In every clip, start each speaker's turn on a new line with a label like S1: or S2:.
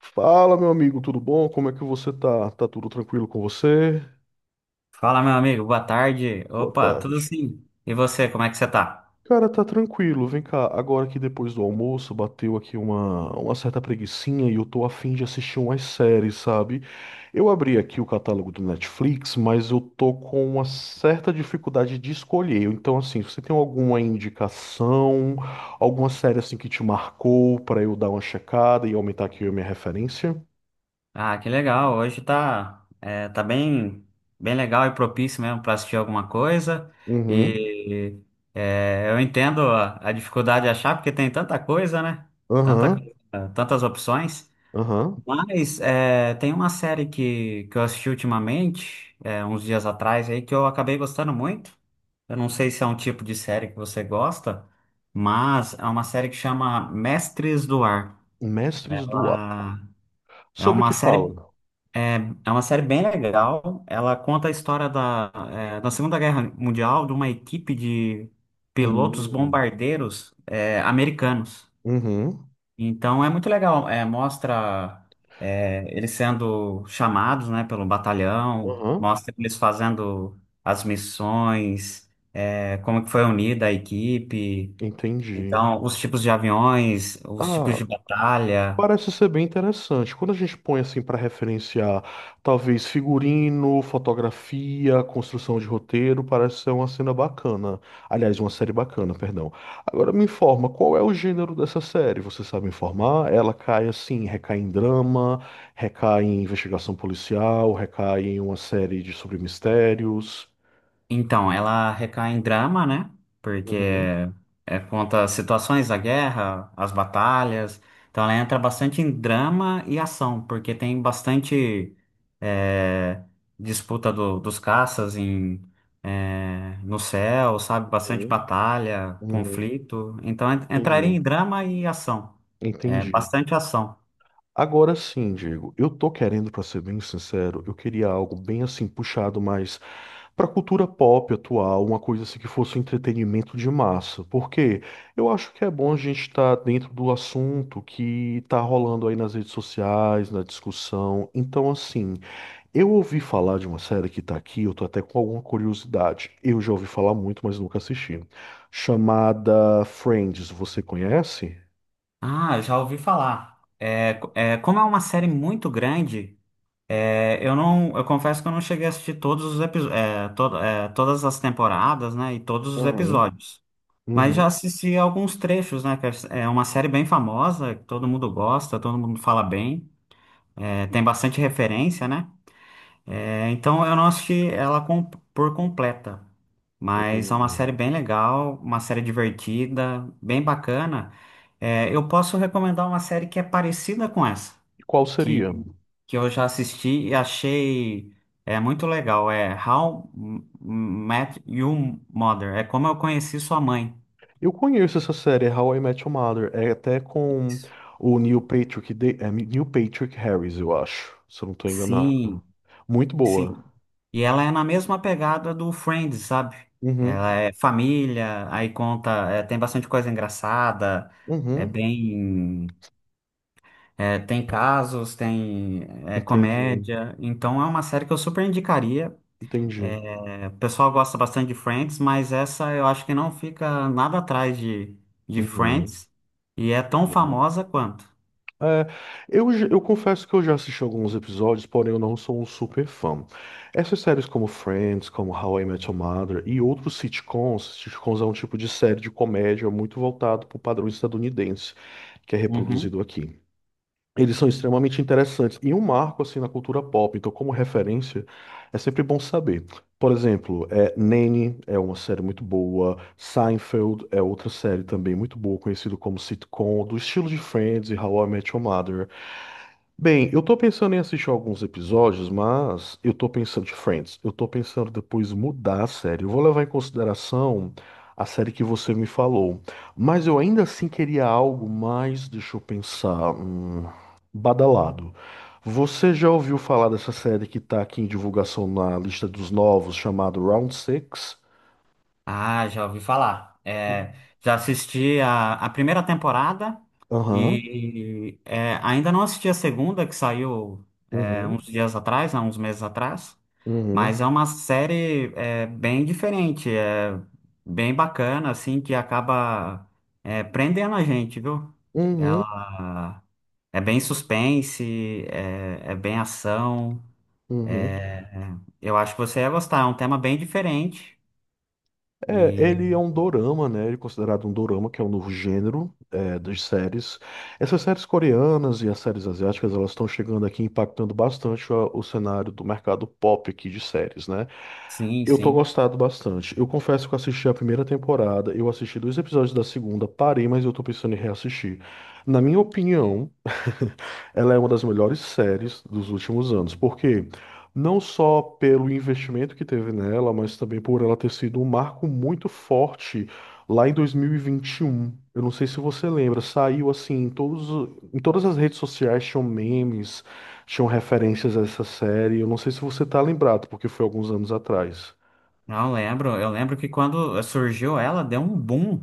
S1: Fala, meu amigo, tudo bom? Como é que você tá? Tá tudo tranquilo com você?
S2: Fala, meu amigo, boa tarde.
S1: Boa
S2: Opa, tudo
S1: tarde.
S2: sim. E você, como é que você tá?
S1: Cara, tá tranquilo. Vem cá, agora que depois do almoço bateu aqui uma certa preguicinha e eu tô afim de assistir umas séries, sabe? Eu abri aqui o catálogo do Netflix, mas eu tô com uma certa dificuldade de escolher. Então, assim, você tem alguma indicação, alguma série assim que te marcou pra eu dar uma checada e aumentar aqui a minha referência?
S2: Ah, que legal. Hoje tá, tá bem, bem legal e propício mesmo para assistir alguma coisa.
S1: Uhum.
S2: E eu entendo a dificuldade de achar, porque tem tanta coisa, né? Tanta
S1: Aham.
S2: coisa, tantas opções.
S1: Aham.
S2: Tem uma série que eu assisti ultimamente, uns dias atrás aí, que eu acabei gostando muito. Eu não sei se é um tipo de série que você gosta, mas é uma série que chama Mestres do Ar.
S1: Mestres do Ar.
S2: Ela é
S1: Sobre o
S2: uma
S1: que
S2: série,
S1: fala?
S2: é, É uma série bem legal. Ela conta a história da Segunda Guerra Mundial, de uma equipe de pilotos
S1: Hum.
S2: bombardeiros, americanos.
S1: Uhum.
S2: Então é muito legal, mostra eles sendo chamados, né, pelo batalhão,
S1: Uhum.
S2: mostra eles fazendo as missões, como que foi unida a equipe,
S1: Entendi.
S2: então os tipos de aviões, os tipos
S1: Ah,
S2: de batalha.
S1: parece ser bem interessante. Quando a gente põe assim para referenciar, talvez figurino, fotografia, construção de roteiro, parece ser uma cena bacana. Aliás, uma série bacana, perdão. Agora me informa, qual é o gênero dessa série? Você sabe me informar? Ela cai assim, recai em drama, recai em investigação policial, recai em uma série de sobre mistérios.
S2: Então, ela recai em drama, né? Porque conta as situações da guerra, as batalhas. Então, ela entra bastante em drama e ação, porque tem bastante é, disputa dos caças em, no céu, sabe? Bastante
S1: Uhum.
S2: batalha,
S1: Uhum.
S2: conflito. Então, entraria
S1: Entendi.
S2: em drama e ação. É
S1: Entendi.
S2: bastante ação.
S1: Agora sim, Diego, eu tô querendo, pra ser bem sincero, eu queria algo bem assim puxado mais pra cultura pop atual, uma coisa assim que fosse um entretenimento de massa, porque eu acho que é bom a gente estar dentro do assunto que tá rolando aí nas redes sociais, na discussão. Então, assim, eu ouvi falar de uma série que tá aqui, eu tô até com alguma curiosidade. Eu já ouvi falar muito, mas nunca assisti. Chamada Friends, você conhece?
S2: Ah, já ouvi falar. É, como é uma série muito grande. É, eu confesso que eu não cheguei a assistir todos os episódios, todas as temporadas, né, e todos os
S1: Aham,
S2: episódios. Mas já
S1: uhum,
S2: assisti alguns trechos, né? que É é uma série bem famosa, que todo mundo gosta, todo mundo fala bem, é, tem bastante referência, né? É, então eu não assisti ela por completa, mas é uma
S1: entendi.
S2: série bem legal, uma série divertida, bem bacana. É, eu posso recomendar uma série que é parecida com essa
S1: E qual seria?
S2: que, que eu já assisti e achei muito legal. É Met Your Mother. É como eu conheci sua mãe.
S1: Eu conheço essa série, How I Met Your Mother. É até com o Neil Patrick, Neil Patrick Harris, eu acho. Se eu não estou enganado.
S2: Sim,
S1: Muito boa.
S2: sim. E ela é na mesma pegada do Friends, sabe?
S1: Uhum.
S2: Ela é família, aí conta, é, tem bastante coisa engraçada, é
S1: Uhum.
S2: bem, é, tem casos, tem, é,
S1: Entendi.
S2: comédia. Então é uma série que eu super indicaria.
S1: Entendi.
S2: É, o pessoal gosta bastante de Friends, mas essa eu acho que não fica nada atrás de
S1: Uhum.
S2: Friends e é tão
S1: Uhum.
S2: famosa quanto.
S1: É, eu confesso que eu já assisti alguns episódios, porém eu não sou um super fã. Essas séries como Friends, como How I Met Your Mother e outros sitcoms, sitcoms é um tipo de série de comédia muito voltado para o padrão estadunidense, que é
S2: Uhum.
S1: reproduzido aqui. Eles são extremamente interessantes e um marco assim na cultura pop, então como referência é sempre bom saber. Por exemplo, Nanny é uma série muito boa, Seinfeld é outra série também muito boa, conhecido como sitcom, do estilo de Friends e How I Met Your Mother. Bem, eu tô pensando em assistir alguns episódios, mas eu tô pensando de Friends. Eu tô pensando depois mudar a série. Eu vou levar em consideração a série que você me falou. Mas eu ainda assim queria algo mais, deixa eu pensar, badalado. Você já ouviu falar dessa série que tá aqui em divulgação na lista dos novos, chamado Round Six?
S2: Ah, já ouvi falar. É, já assisti a primeira temporada
S1: Aham.
S2: e é, ainda não assisti a segunda, que saiu uns
S1: Uhum.
S2: dias atrás, há uns meses atrás. Mas é
S1: Uhum.
S2: uma série bem diferente, é bem bacana, assim, que acaba prendendo a gente, viu?
S1: Uhum.
S2: Ela. É bem suspense, é bem ação.
S1: Uhum.
S2: Eu acho que você ia gostar, é um tema bem diferente.
S1: É, ele é
S2: E
S1: um dorama, né? Ele é considerado um dorama, que é um novo gênero das séries. Essas séries coreanas e as séries asiáticas, elas estão chegando aqui impactando bastante o cenário do mercado pop aqui de séries, né?
S2: sim,
S1: Eu tô
S2: sim.
S1: gostado bastante. Eu confesso que eu assisti a primeira temporada, eu assisti dois episódios da segunda, parei, mas eu tô pensando em reassistir. Na minha opinião, ela é uma das melhores séries dos últimos anos, porque não só pelo investimento que teve nela, mas também por ela ter sido um marco muito forte lá em dois mil e vinte e um. Eu não sei se você lembra, saiu assim em todos, em todas as redes sociais tinham memes, tinham referências a essa série. Eu não sei se você tá lembrado, porque foi alguns anos atrás.
S2: Não, eu lembro. Eu lembro que quando surgiu ela, deu um boom.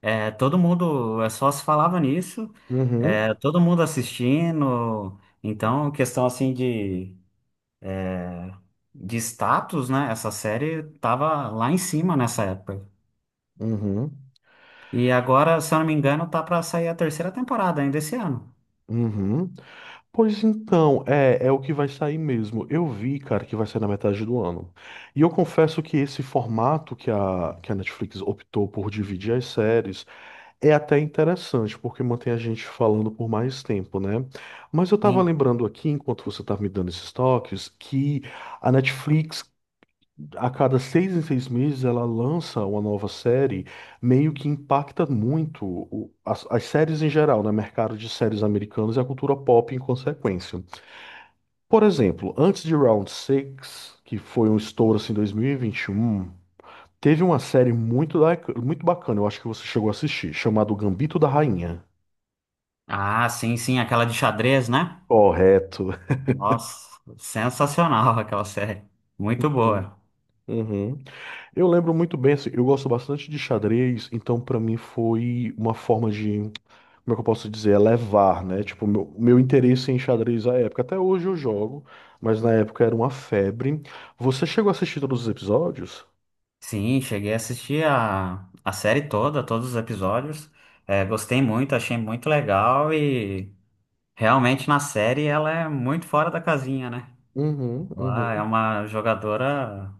S2: É, todo mundo só se falava nisso, é,
S1: Uhum,
S2: todo mundo assistindo. Então, questão assim de status, né? Essa série tava lá em cima nessa época.
S1: uhum,
S2: E agora, se eu não me engano, tá pra sair a terceira temporada ainda esse ano.
S1: uhum. Pois então, é, é o que vai sair mesmo. Eu vi, cara, que vai sair na metade do ano. E eu confesso que esse formato que que a Netflix optou por dividir as séries é até interessante, porque mantém a gente falando por mais tempo, né? Mas eu tava
S2: Sim.
S1: lembrando aqui, enquanto você tava me dando esses toques, que a Netflix, a cada seis em seis meses, ela lança uma nova série, meio que impacta muito as séries em geral, né? Mercado de séries americanas e a cultura pop em consequência. Por exemplo, antes de Round Six, que foi um estouro assim em 2021, teve uma série muito, muito bacana, eu acho que você chegou a assistir, chamado Gambito da Rainha.
S2: Ah, sim, sim, aquela de xadrez, né?
S1: Correto.
S2: Nossa, sensacional aquela série. Muito
S1: Uhum.
S2: boa.
S1: Uhum. Eu lembro muito bem, assim, eu gosto bastante de xadrez, então pra mim foi uma forma de, como é que eu posso dizer, elevar, né? Tipo, meu interesse em xadrez à época. Até hoje eu jogo, mas na época era uma febre. Você chegou a assistir todos os episódios?
S2: Sim, cheguei a assistir a série toda, todos os episódios. É, gostei muito, achei muito legal e realmente na série ela é muito fora da casinha, né?
S1: Uhum,
S2: Ela é
S1: uhum.
S2: uma jogadora,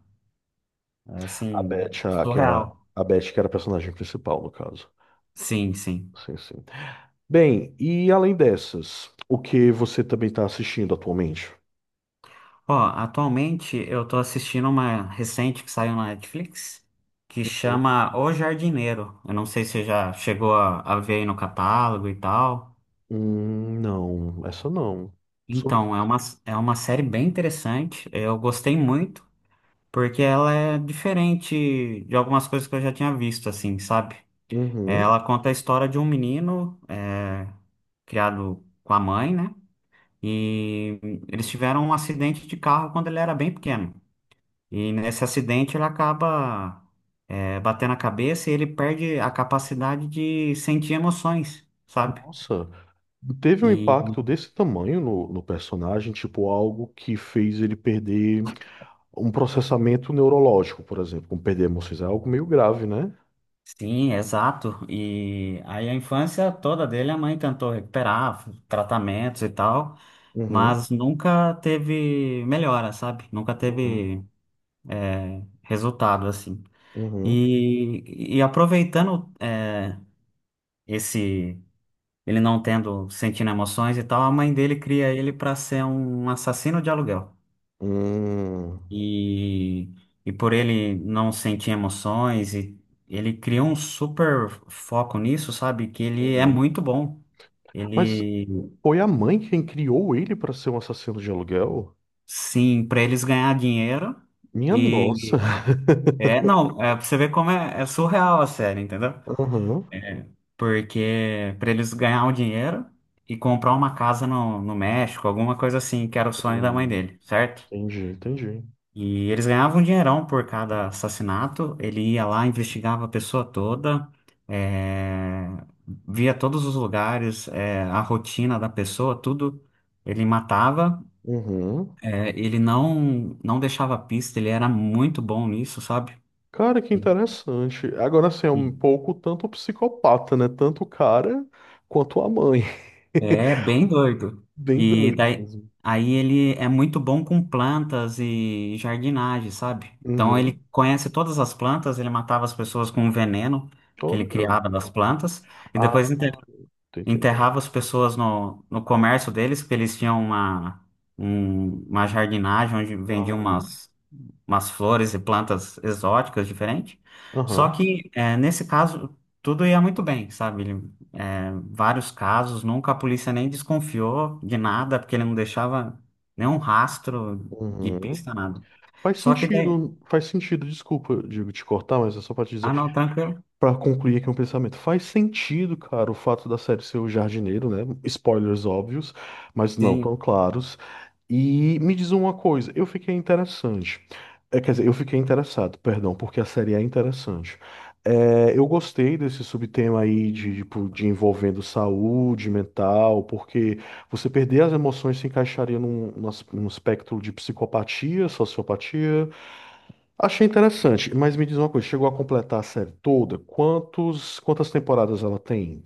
S2: assim,
S1: Que era,
S2: surreal.
S1: a Beth, que era a personagem principal, no caso.
S2: Sim, sim.
S1: Sim, sim. Bem, e além dessas, o que você também está assistindo atualmente?
S2: Ó, atualmente eu tô assistindo uma recente que saiu na Netflix que chama O Jardineiro. Eu não sei se você já chegou a ver aí no catálogo e tal.
S1: Não, essa não. Sobre.
S2: Então, é uma, É uma série bem interessante. Eu gostei muito, porque ela é diferente de algumas coisas que eu já tinha visto, assim, sabe? É, ela
S1: Uhum.
S2: conta a história de um menino criado com a mãe, né? E eles tiveram um acidente de carro quando ele era bem pequeno. E nesse acidente ele acaba batendo a cabeça e ele perde a capacidade de sentir emoções, sabe?
S1: Nossa, teve um impacto desse tamanho no personagem, tipo algo que fez ele perder um processamento neurológico, por exemplo, como perder emoções, é algo meio grave, né?
S2: Sim, exato. E aí a infância toda dele a mãe tentou recuperar, tratamentos e tal,
S1: Uhum,
S2: mas nunca teve melhora, sabe? Nunca
S1: uhum,
S2: teve resultado assim.
S1: uhum.
S2: E aproveitando esse ele não tendo sentindo emoções e tal, a mãe dele cria ele para ser um assassino de aluguel.
S1: Hum,
S2: E, e por ele não sentir emoções e ele cria um super foco nisso, sabe? Que ele é
S1: uhum.
S2: muito bom.
S1: Mas
S2: Ele,
S1: foi a mãe quem criou ele para ser um assassino de aluguel?
S2: sim, para eles ganhar dinheiro
S1: Minha nossa.
S2: e é, não, é pra você ver como é surreal a série, entendeu?
S1: Aham.
S2: Porque para eles ganhar o dinheiro e comprar uma casa no, no México, alguma coisa assim, que era o sonho da mãe
S1: Hum,
S2: dele, certo?
S1: entendi, entendi.
S2: E eles ganhavam um dinheirão por cada assassinato. Ele ia lá, investigava a pessoa toda, é, via todos os lugares, é, a rotina da pessoa, tudo. Ele matava.
S1: Uhum.
S2: É, ele não deixava pista, ele era muito bom nisso, sabe?
S1: Cara, que interessante. Agora, assim, é um
S2: Sim.
S1: pouco tanto psicopata, né? Tanto o cara quanto a mãe.
S2: É bem doido.
S1: Bem
S2: E
S1: doido
S2: daí
S1: mesmo.
S2: aí ele é muito bom com plantas e jardinagem, sabe? Então ele
S1: Uhum.
S2: conhece todas as plantas, ele matava as pessoas com um veneno que ele
S1: Olha.
S2: criava das plantas e
S1: Ah,
S2: depois
S1: tô
S2: enterrava
S1: entendendo.
S2: as pessoas no, no comércio deles, porque eles tinham uma, uma jardinagem onde vendiam
S1: Aham.
S2: umas, umas flores e plantas exóticas diferentes. Só
S1: Aham.
S2: que, é, nesse caso, tudo ia muito bem, sabe? Ele, é, vários casos, nunca a polícia nem desconfiou de nada, porque ele não deixava nenhum rastro de
S1: Uhum.
S2: pista, nada.
S1: Faz
S2: Só que daí...
S1: sentido, faz sentido. Desculpa, digo, te cortar, mas é só pra te dizer.
S2: Ah, não, tranquilo.
S1: Pra concluir aqui um pensamento, faz sentido, cara, o fato da série ser o jardineiro, né? Spoilers óbvios, mas não tão
S2: Sim.
S1: claros. E me diz uma coisa, eu fiquei interessante. É, quer dizer, eu fiquei interessado, perdão, porque a série é interessante. É, eu gostei desse subtema aí de, tipo, de envolvendo saúde mental, porque você perder as emoções se encaixaria num num espectro de psicopatia, sociopatia. Achei interessante, mas me diz uma coisa, chegou a completar a série toda? Quantas temporadas ela tem?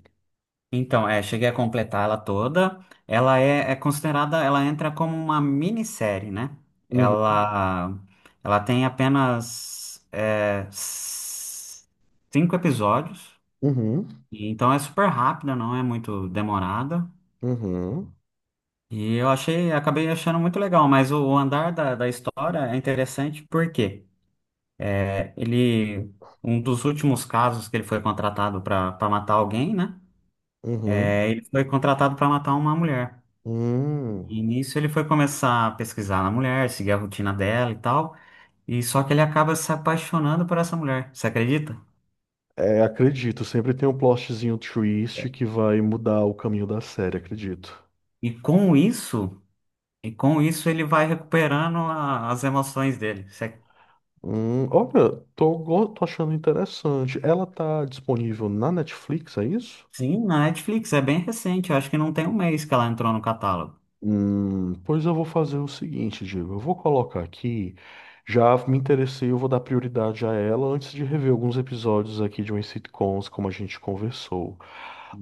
S2: Então, é, cheguei a completar ela toda. É considerada, ela entra como uma minissérie, né?
S1: Uhum,
S2: Ela, Ela tem apenas 5 episódios,
S1: uhum,
S2: e então é super rápida, não é muito demorada.
S1: uhum,
S2: E eu achei, acabei achando muito legal, mas o andar da história é interessante porque ele, um dos últimos casos que ele foi contratado para matar alguém, né?
S1: uhum.
S2: É, ele foi contratado para matar uma mulher.
S1: Hum.
S2: E nisso ele foi começar a pesquisar na mulher, seguir a rotina dela e tal. E só que ele acaba se apaixonando por essa mulher, você acredita?
S1: É, acredito, sempre tem um plotzinho twist que vai mudar o caminho da série, acredito.
S2: E com isso, e com isso ele vai recuperando as emoções dele. Você-
S1: Olha, tô achando interessante. Ela tá disponível na Netflix, é isso?
S2: Sim, na Netflix, é bem recente, eu acho que não tem um mês que ela entrou no catálogo.
S1: Pois eu vou fazer o seguinte, Diego. Eu vou colocar aqui. Já me interessei, eu vou dar prioridade a ela antes de rever alguns episódios aqui de umas sitcoms, como a gente conversou.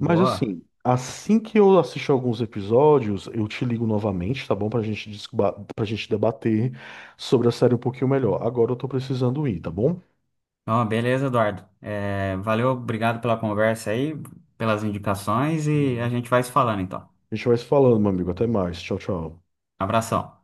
S1: Assim que eu assistir alguns episódios, eu te ligo novamente, tá bom? Pra gente, pra gente debater sobre a série um pouquinho melhor. Agora eu tô precisando ir, tá bom?
S2: Ó, beleza, Eduardo. É, valeu, obrigado pela conversa aí, pelas indicações e a
S1: Uhum.
S2: gente vai se falando então.
S1: A gente vai se falando, meu amigo. Até mais. Tchau, tchau.
S2: Abração.